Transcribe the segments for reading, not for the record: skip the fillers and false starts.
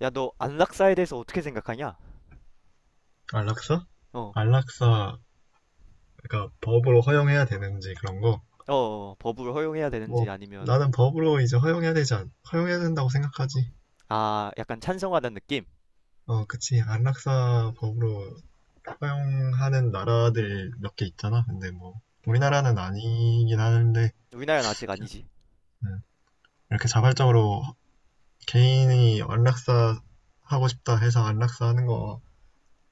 야, 너 안락사에 대해서 어떻게 생각하냐? 안락사? 어, 안락사가 법으로 허용해야 되는지 그런 거? 법을 허용해야 되는지 뭐 아니면 나는 법으로 이제 허용해야 된다고 생각하지. 아, 약간 찬성하는 느낌? 어, 그치. 안락사 법으로 허용하는 나라들 몇 개 있잖아. 근데 뭐 음, 우리나라는 아니긴 하는데 우리나라는 아직 아니지. 음, 이렇게 자발적으로 개인이 안락사 하고 싶다 해서 안락사 하는 거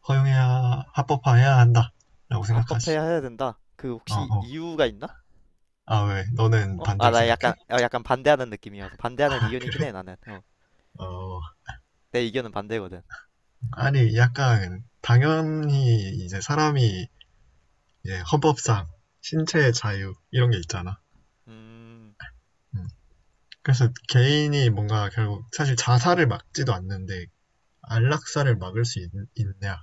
허용해야 합법화해야 한다라고 생각하지. 합법해야 해야 된다. 그 어, 혹시 어. 이유가 있나? 아, 왜? 너는 어? 아, 반대로 나 약간 생각해? 약간 반대하는 느낌이어서 반대하는 아, 의견이긴 그래? 해 나는. 어, 어, 내 의견은 반대거든. 아니 약간 당연히 이제 사람이 이제 헌법상 신체의 자유 이런 게 있잖아. 음, 음. 그래서 개인이 뭔가 결국 사실 자살을 막지도 않는데 안락사를 막을 수 있, 있냐라는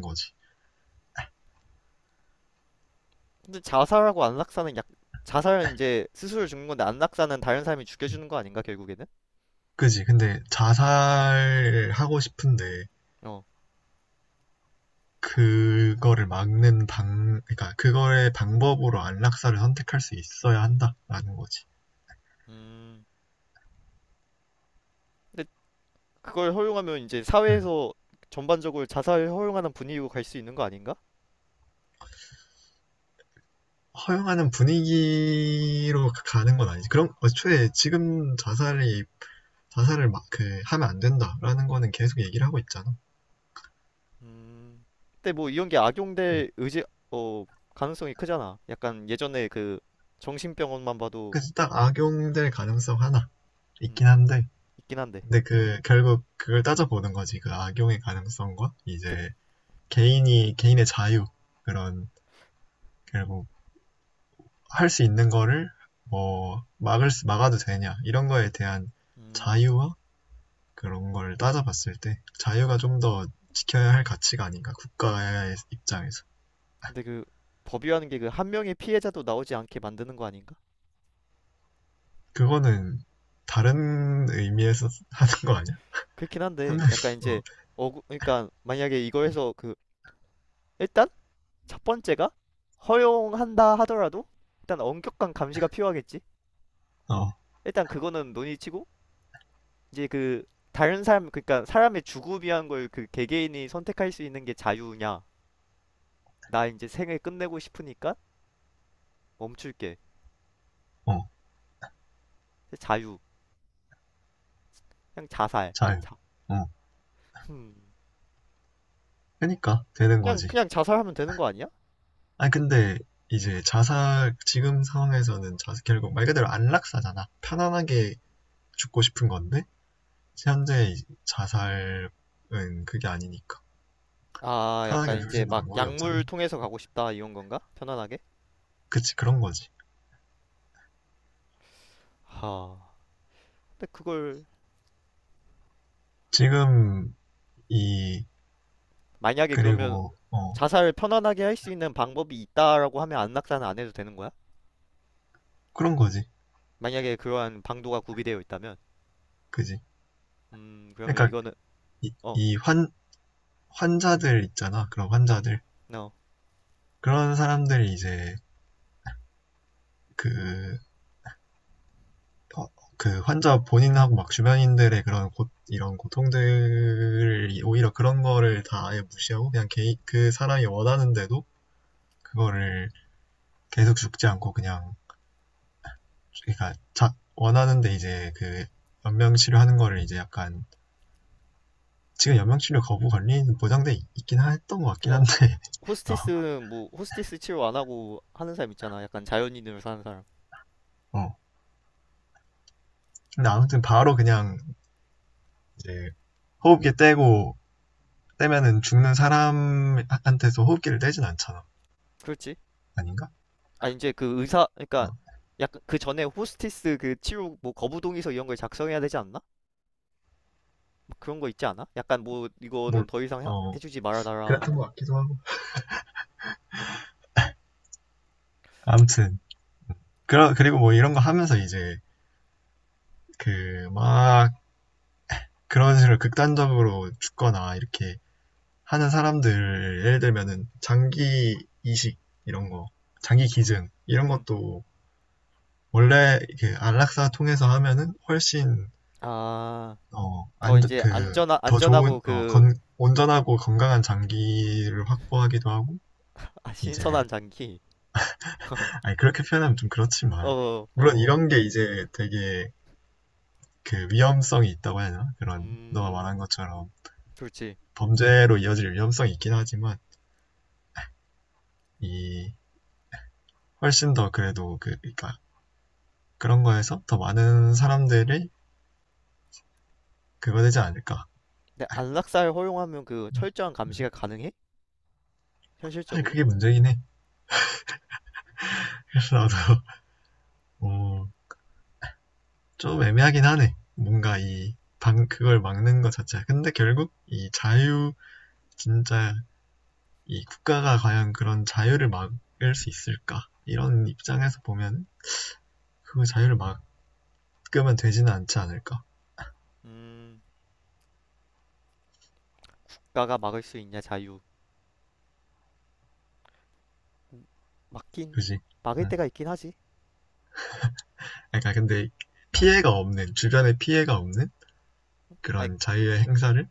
거지. 근데 자살하고 안락사는 약 자살은 이제 스스로 죽는 건데 안락사는 다른 사람이 죽여주는 거 아닌가 결국에는? 그지? 근데 자살하고 싶은데 어, 그러니까 그거의 방법으로 안락사를 선택할 수 있어야 한다라는 거지. 음, 근데 그걸 허용하면 이제 음. 사회에서 전반적으로 자살을 허용하는 분위기로 갈 수 있는 거 아닌가? 허용하는 분위기로 가는 건 아니지. 그럼 애초에 지금 자살이 자살을 막, 그, 하면 안 된다라는 거는 계속 얘기를 하고 있잖아. 음, 근데 뭐 이런 게 음. 악용될 의지 어 가능성이 크잖아. 약간 예전에 그 정신병원만 봐도 그래서 딱 악용될 가능성 하나 있긴 음, 한데, 있긴 한데. 근데 그, 결국 그걸 따져보는 거지. 그 악용의 가능성과 득- 이제 개인의 자유, 그런, 결국 할 수 있는 거를 뭐, 막아도 되냐, 이런 거에 대한 음, 자유와 그런 걸 따져봤을 때, 자유가 좀 더 지켜야 할 가치가 아닌가, 국가의 입장에서. 근데 그 법이라는 게 그 한 명의 피해자도 나오지 않게 만드는 거 아닌가? 그거는 다른 의미에서 하는 거 아니야? 그렇긴 한 한데 명이 약간 이제 어 그러니까 만약에 이거 해서 그 일단 첫 번째가 허용한다 하더라도 일단 엄격한 감시가 필요하겠지. 어, 어, 일단 그거는 논의치고 이제 그 다른 사람 그러니까 사람의 죽음이란 걸 그 개개인이 선택할 수 있는 게 자유냐? 나 이제 생을 끝내고 싶으니까 멈출게. 어, 자유. 그냥 자살. 잘, 자. 어, 음. 그러니까 되는 그냥 거지. 그냥 자살하면 되는 거 아니야? 아니 근데 이제 자살 지금 상황에서는 자살 결국 말 그대로 안락사잖아. 편안하게 죽고 싶은 건데 현재 자살은 그게 아니니까 아, 약간 편하게 죽을 수 이제 있는 막 방법이 없잖아. 약물 통해서 가고 싶다 이런 건가? 편안하게? 그치 그런 거지. 하. 근데 그걸 지금 이 만약에 그러면 그리고 어 자살을 편안하게 할 수 있는 방법이 있다라고 하면 안락사는 안 해도 되는 거야? 그런 거지. 만약에 그러한 방도가 구비되어 있다면, 그지. 그러면 그러니까 이거는 이 어, 이 환 환자들 있잖아. 그런 no, 환자들 no. 그런 사람들이 이제 그 어, 그 환자 본인하고 막 주변인들의 이런 고통들을 오히려 그런 거를 다 아예 무시하고 그 사람이 원하는데도 그거를 계속 죽지 않고 그냥 원하는데 이제 그 연명 치료하는 거를 이제 약간 지금 연명 치료 거부 권리는 있긴 했던 것 그래, 같긴 한데 호스티스 뭐 호스티스 치료 안 하고 하는 사람 있잖아. 약간 자연인으로 사는 사람. 어, 어. 근데 아무튼 바로 그냥 이제 호흡기 떼고 떼면은 죽는 사람한테서 호흡기를 떼진 않잖아 그렇지? 아닌가? 아 이제 그 의사 그러니까 어, 약간 그 전에 호스티스 그 치료 뭐 거부동의서 이런 걸 작성해야 되지 않나? 막 그런 거 있지 않아? 약간 뭐 이거는 뭘, 더 이상 해, 어, 해주지 말아달라 그랬던 것 뭐 같기도 하고. 아무튼 그리고 뭐 이런 거 하면서 이제 그 막 그런 식으로 극단적으로 죽거나 이렇게 하는 사람들 예를 들면은 장기 이식 이런 거 장기 기증 이런 음. 것도 원래 그 안락사 통해서 하면은 훨씬 아, 더 이제 안전하 어안그더 안전하고 좋은 그 온전하고 건강한 장기를 확보하기도 하고 아, 이제 신선한 장기. 아니 그렇게 표현하면 좀 그렇지만 어, 물론 어. 이런 게 이제 되게 그 위험성이 있다고 해야 하나 그런 너가 음. 말한 것처럼 그렇지. 범죄로 이어질 위험성이 있긴 하지만 이 훨씬 더 그래도 그러니까 그런 거에서 더 많은 사람들이 그거 되지 않을까. 근데 안락사를 허용하면 그 철저한 감시가 가능해? 사실 현실적으로? 그게 문제긴 해. 어. 그래서 나도 어, 좀 애매하긴 하네. 그걸 막는 것 자체가. 근데 결국 이 자유, 진짜 이 국가가 과연 그런 자유를 막을 수 있을까? 이런 입장에서 보면 그 자유를 막으면 되지는 않지 않을까? 음. 국가가 막을 수 있냐 자유 음, 막긴 그지? 막을 음. 때가 있긴 하지. 그러니까 근데 피해가 없는 주변에 피해가 없는 아니 그런 자유의 행사를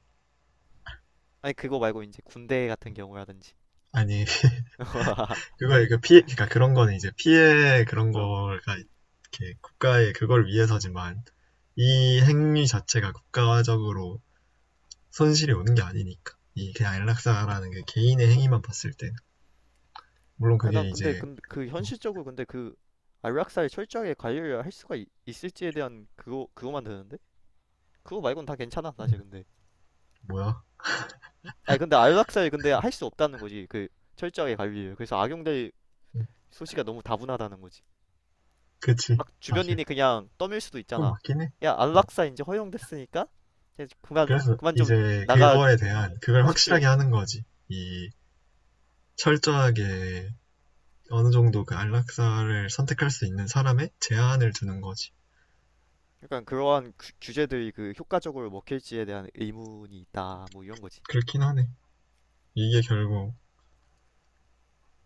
아니 그거 말고 이제 군대 같은 경우라든지 아니 그걸 그 피해 그러니까 그런 거는 이제 피해 그런 어 거가 이렇게 국가의 그걸 위해서지만 이 행위 자체가 국가적으로 손실이 오는 게 아니니까 이 그냥 안락사라는 게 개인의 행위만 봤을 때 물론 아니, 난 그게 근데 이제 근데 그 현실적으로 근데 그 안락사를 철저하게 관리를 할 수가 있, 있을지에 대한 그거 그거만 되는데 그거 말고는 다 괜찮아 사실 근데 뭐야 아니 근데 안락사를 근데 할 수 없다는 거지 그 철저하게 관리를 그래서 악용될 소지가 너무 다분하다는 거지 그치 막 사실 주변인이 그냥 떠밀 수도 그건 있잖아. 맞긴 해 야 안락사 이제 허용됐으니까 이제 그만 그래서 그만 좀 이제 나가 그거에 대한 그걸 확실하게 하십시오. 하는 거지 이 철저하게 어느 정도 그 안락사를 선택할 수 있는 사람의 제한을 두는 거지. 약간 그러한 규- 규제들이 그 효과적으로 먹힐지에 대한 의문이 있다. 뭐 이런 거지. 그렇긴 하네. 이게 결국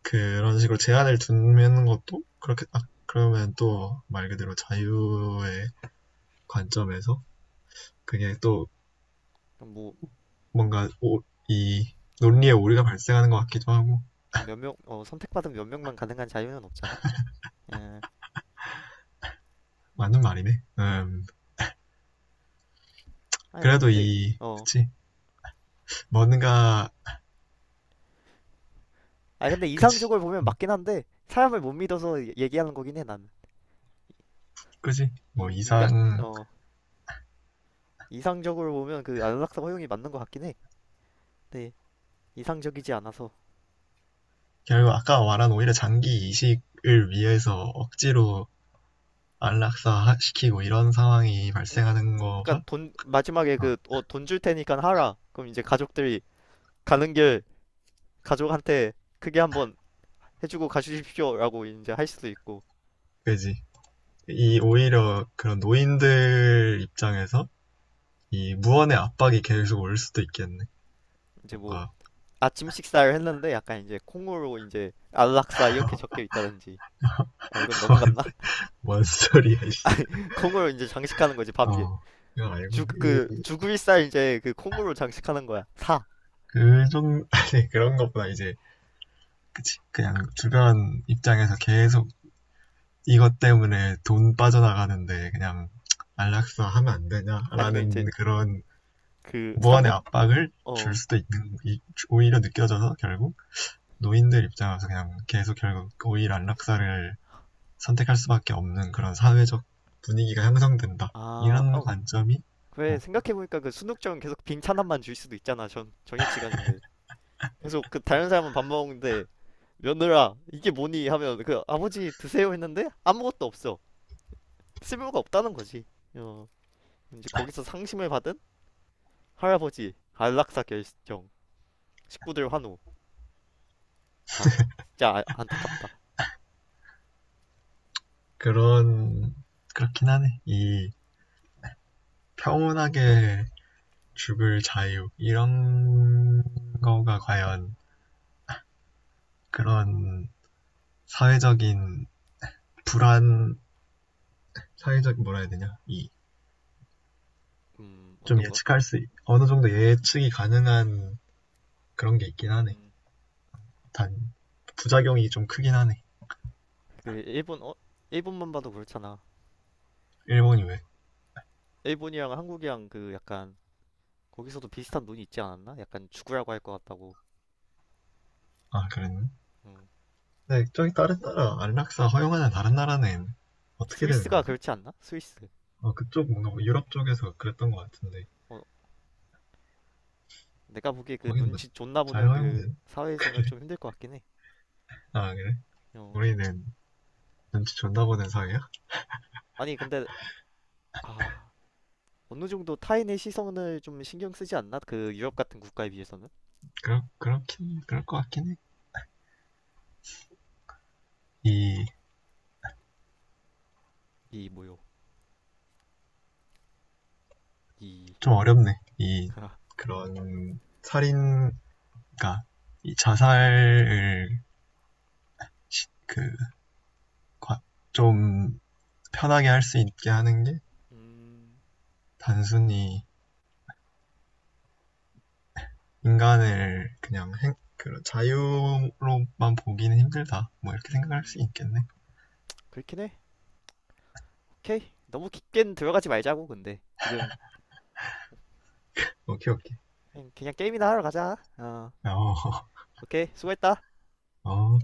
그런 식으로 제한을 두는 것도 그렇게 아, 그러면 또 말 그대로 자유의 관점에서 그게 또 그럼 뭐, 뭔가 오, 이 논리에 어, 오류가 발생하는 것 같기도 하고 몇 명, 어, 선택받은 몇 명만 가능한 자유는 없잖아. 예. 맞는 말이네. 아니 뭐 그래도 근데, 이 어. 그치 뭔가 아니 근데 그치 이상적으로 보면 음, 맞긴 한데 사람을 못 믿어서 얘- 얘기하는 거긴 해 나는. 그치 뭐 인, 인간, 이상 어, 이상적으로 보면 그 안락사 허용이 맞는 것 같긴 해. 네. 이상적이지 않아서. 결국 아까 말한 오히려 장기 이식을 위해서 억지로 안락사 시키고 이런 상황이 어, 발생하는 약간 거가 돈, 마지막에 어, 그, 어, 돈 줄 테니까 하라. 그럼 이제 가족들이 가는 길 가족한테 크게 한번 해주고 가주십시오라고 이제 할 수도 있고 그지. 이 오히려 그런 노인들 입장에서 이 무언의 압박이 계속 올 수도 있겠네. 이제 뭐 뭔가 아침 식사를 했는데 약간 이제 콩으로 이제 안락사 이렇게 적혀 있다든지 아 이건 너무 갔나? 원 소리야. 콩으로 이제 장식하는 거지 밥 위에 어. 그거 말고 죽그구을살 이제 그 콩으로 장식하는 거야 사 이그좀 아니 그런 것보다 이제 그치 그냥 주변 입장에서 계속 이것 때문에 돈 빠져나가는데 그냥 안락사 하면 안 아니면 이제 되냐라는 그런 그 무한의 삼국 압박을 줄 어아 수도 있는 오히려 느껴져서 결국 노인들 입장에서 그냥 계속 결국 오히려 안락사를 선택할 수밖에 없는 그런 사회적 분위기가 형성된다 이런 어, 관점이 그래 생각해보니까 그 순국정은 계속 빈찬함만 줄 수도 있잖아 전 저녁 시간인데 계속 그 다른 사람은 밥 먹는데 며느라 이게 뭐니 하면 그 아버지 드세요 했는데 아무것도 없어 쓸모가 없다는 거지. 어, 이제 거기서 상심을 받은 할아버지 안락사 결정, 식구들 환호. 아, 진짜 아- 안타깝다. 그런 그렇긴 하네 이 평온하게 죽을 자유 이런 거가 과연 그런 사회적인 불안 사회적 뭐라 해야 되냐 이 어떤 거? 어느 정도 예측이 가능한 그런 게 있긴 하네 음, 단 부작용이 좀 크긴 하네. 그 일본 어, 일본만 봐도 그렇잖아. 일본이 왜? 일본이랑 한국이랑 그 약간 거기서도 비슷한 논이 있지 않았나? 약간 죽으라고 할 것 같다고. 아, 그랬네. 음. 근데 저기 다른 나라 안락사 허용하는 다른 나라는 어떻게 되는 스위스가 거지? 그렇지 않나? 스위스. 어, 그쪽 뭔가 뭐 유럽 쪽에서 그랬던 것 같은데 어, 내가 보기에 그 거긴 눈치 존나 뭐잘 보는 그 허용된? 사회에서는 좀 힘들 것 같긴 해. 아 그래? 어. 우리는 눈치 존나 보는 사회야? 아니 근데 아 어느 정도 타인의 시선을 좀 신경 쓰지 않나? 그 유럽 같은 국가에 비해서는? 그럴 그렇긴 그럴 것 같긴 해. 이 이 뭐요? 이 좀 어렵네. 이 그런 살인 그러니까 이 자살을 그 좀 편하게 할 수 있게 하는 게 음, 단순히 인간을 그 자유로만 보기는 힘들다. 뭐 이렇게 생각할 음, 수 있겠네. 그렇긴 해. 오케이. 너무 깊게는 들어가지 말자고, 근데. 지금, 오케이, 오케이. 그냥, 그냥 게임이나 하러 가자. 어, 어, 오케이. 수고했다. 어.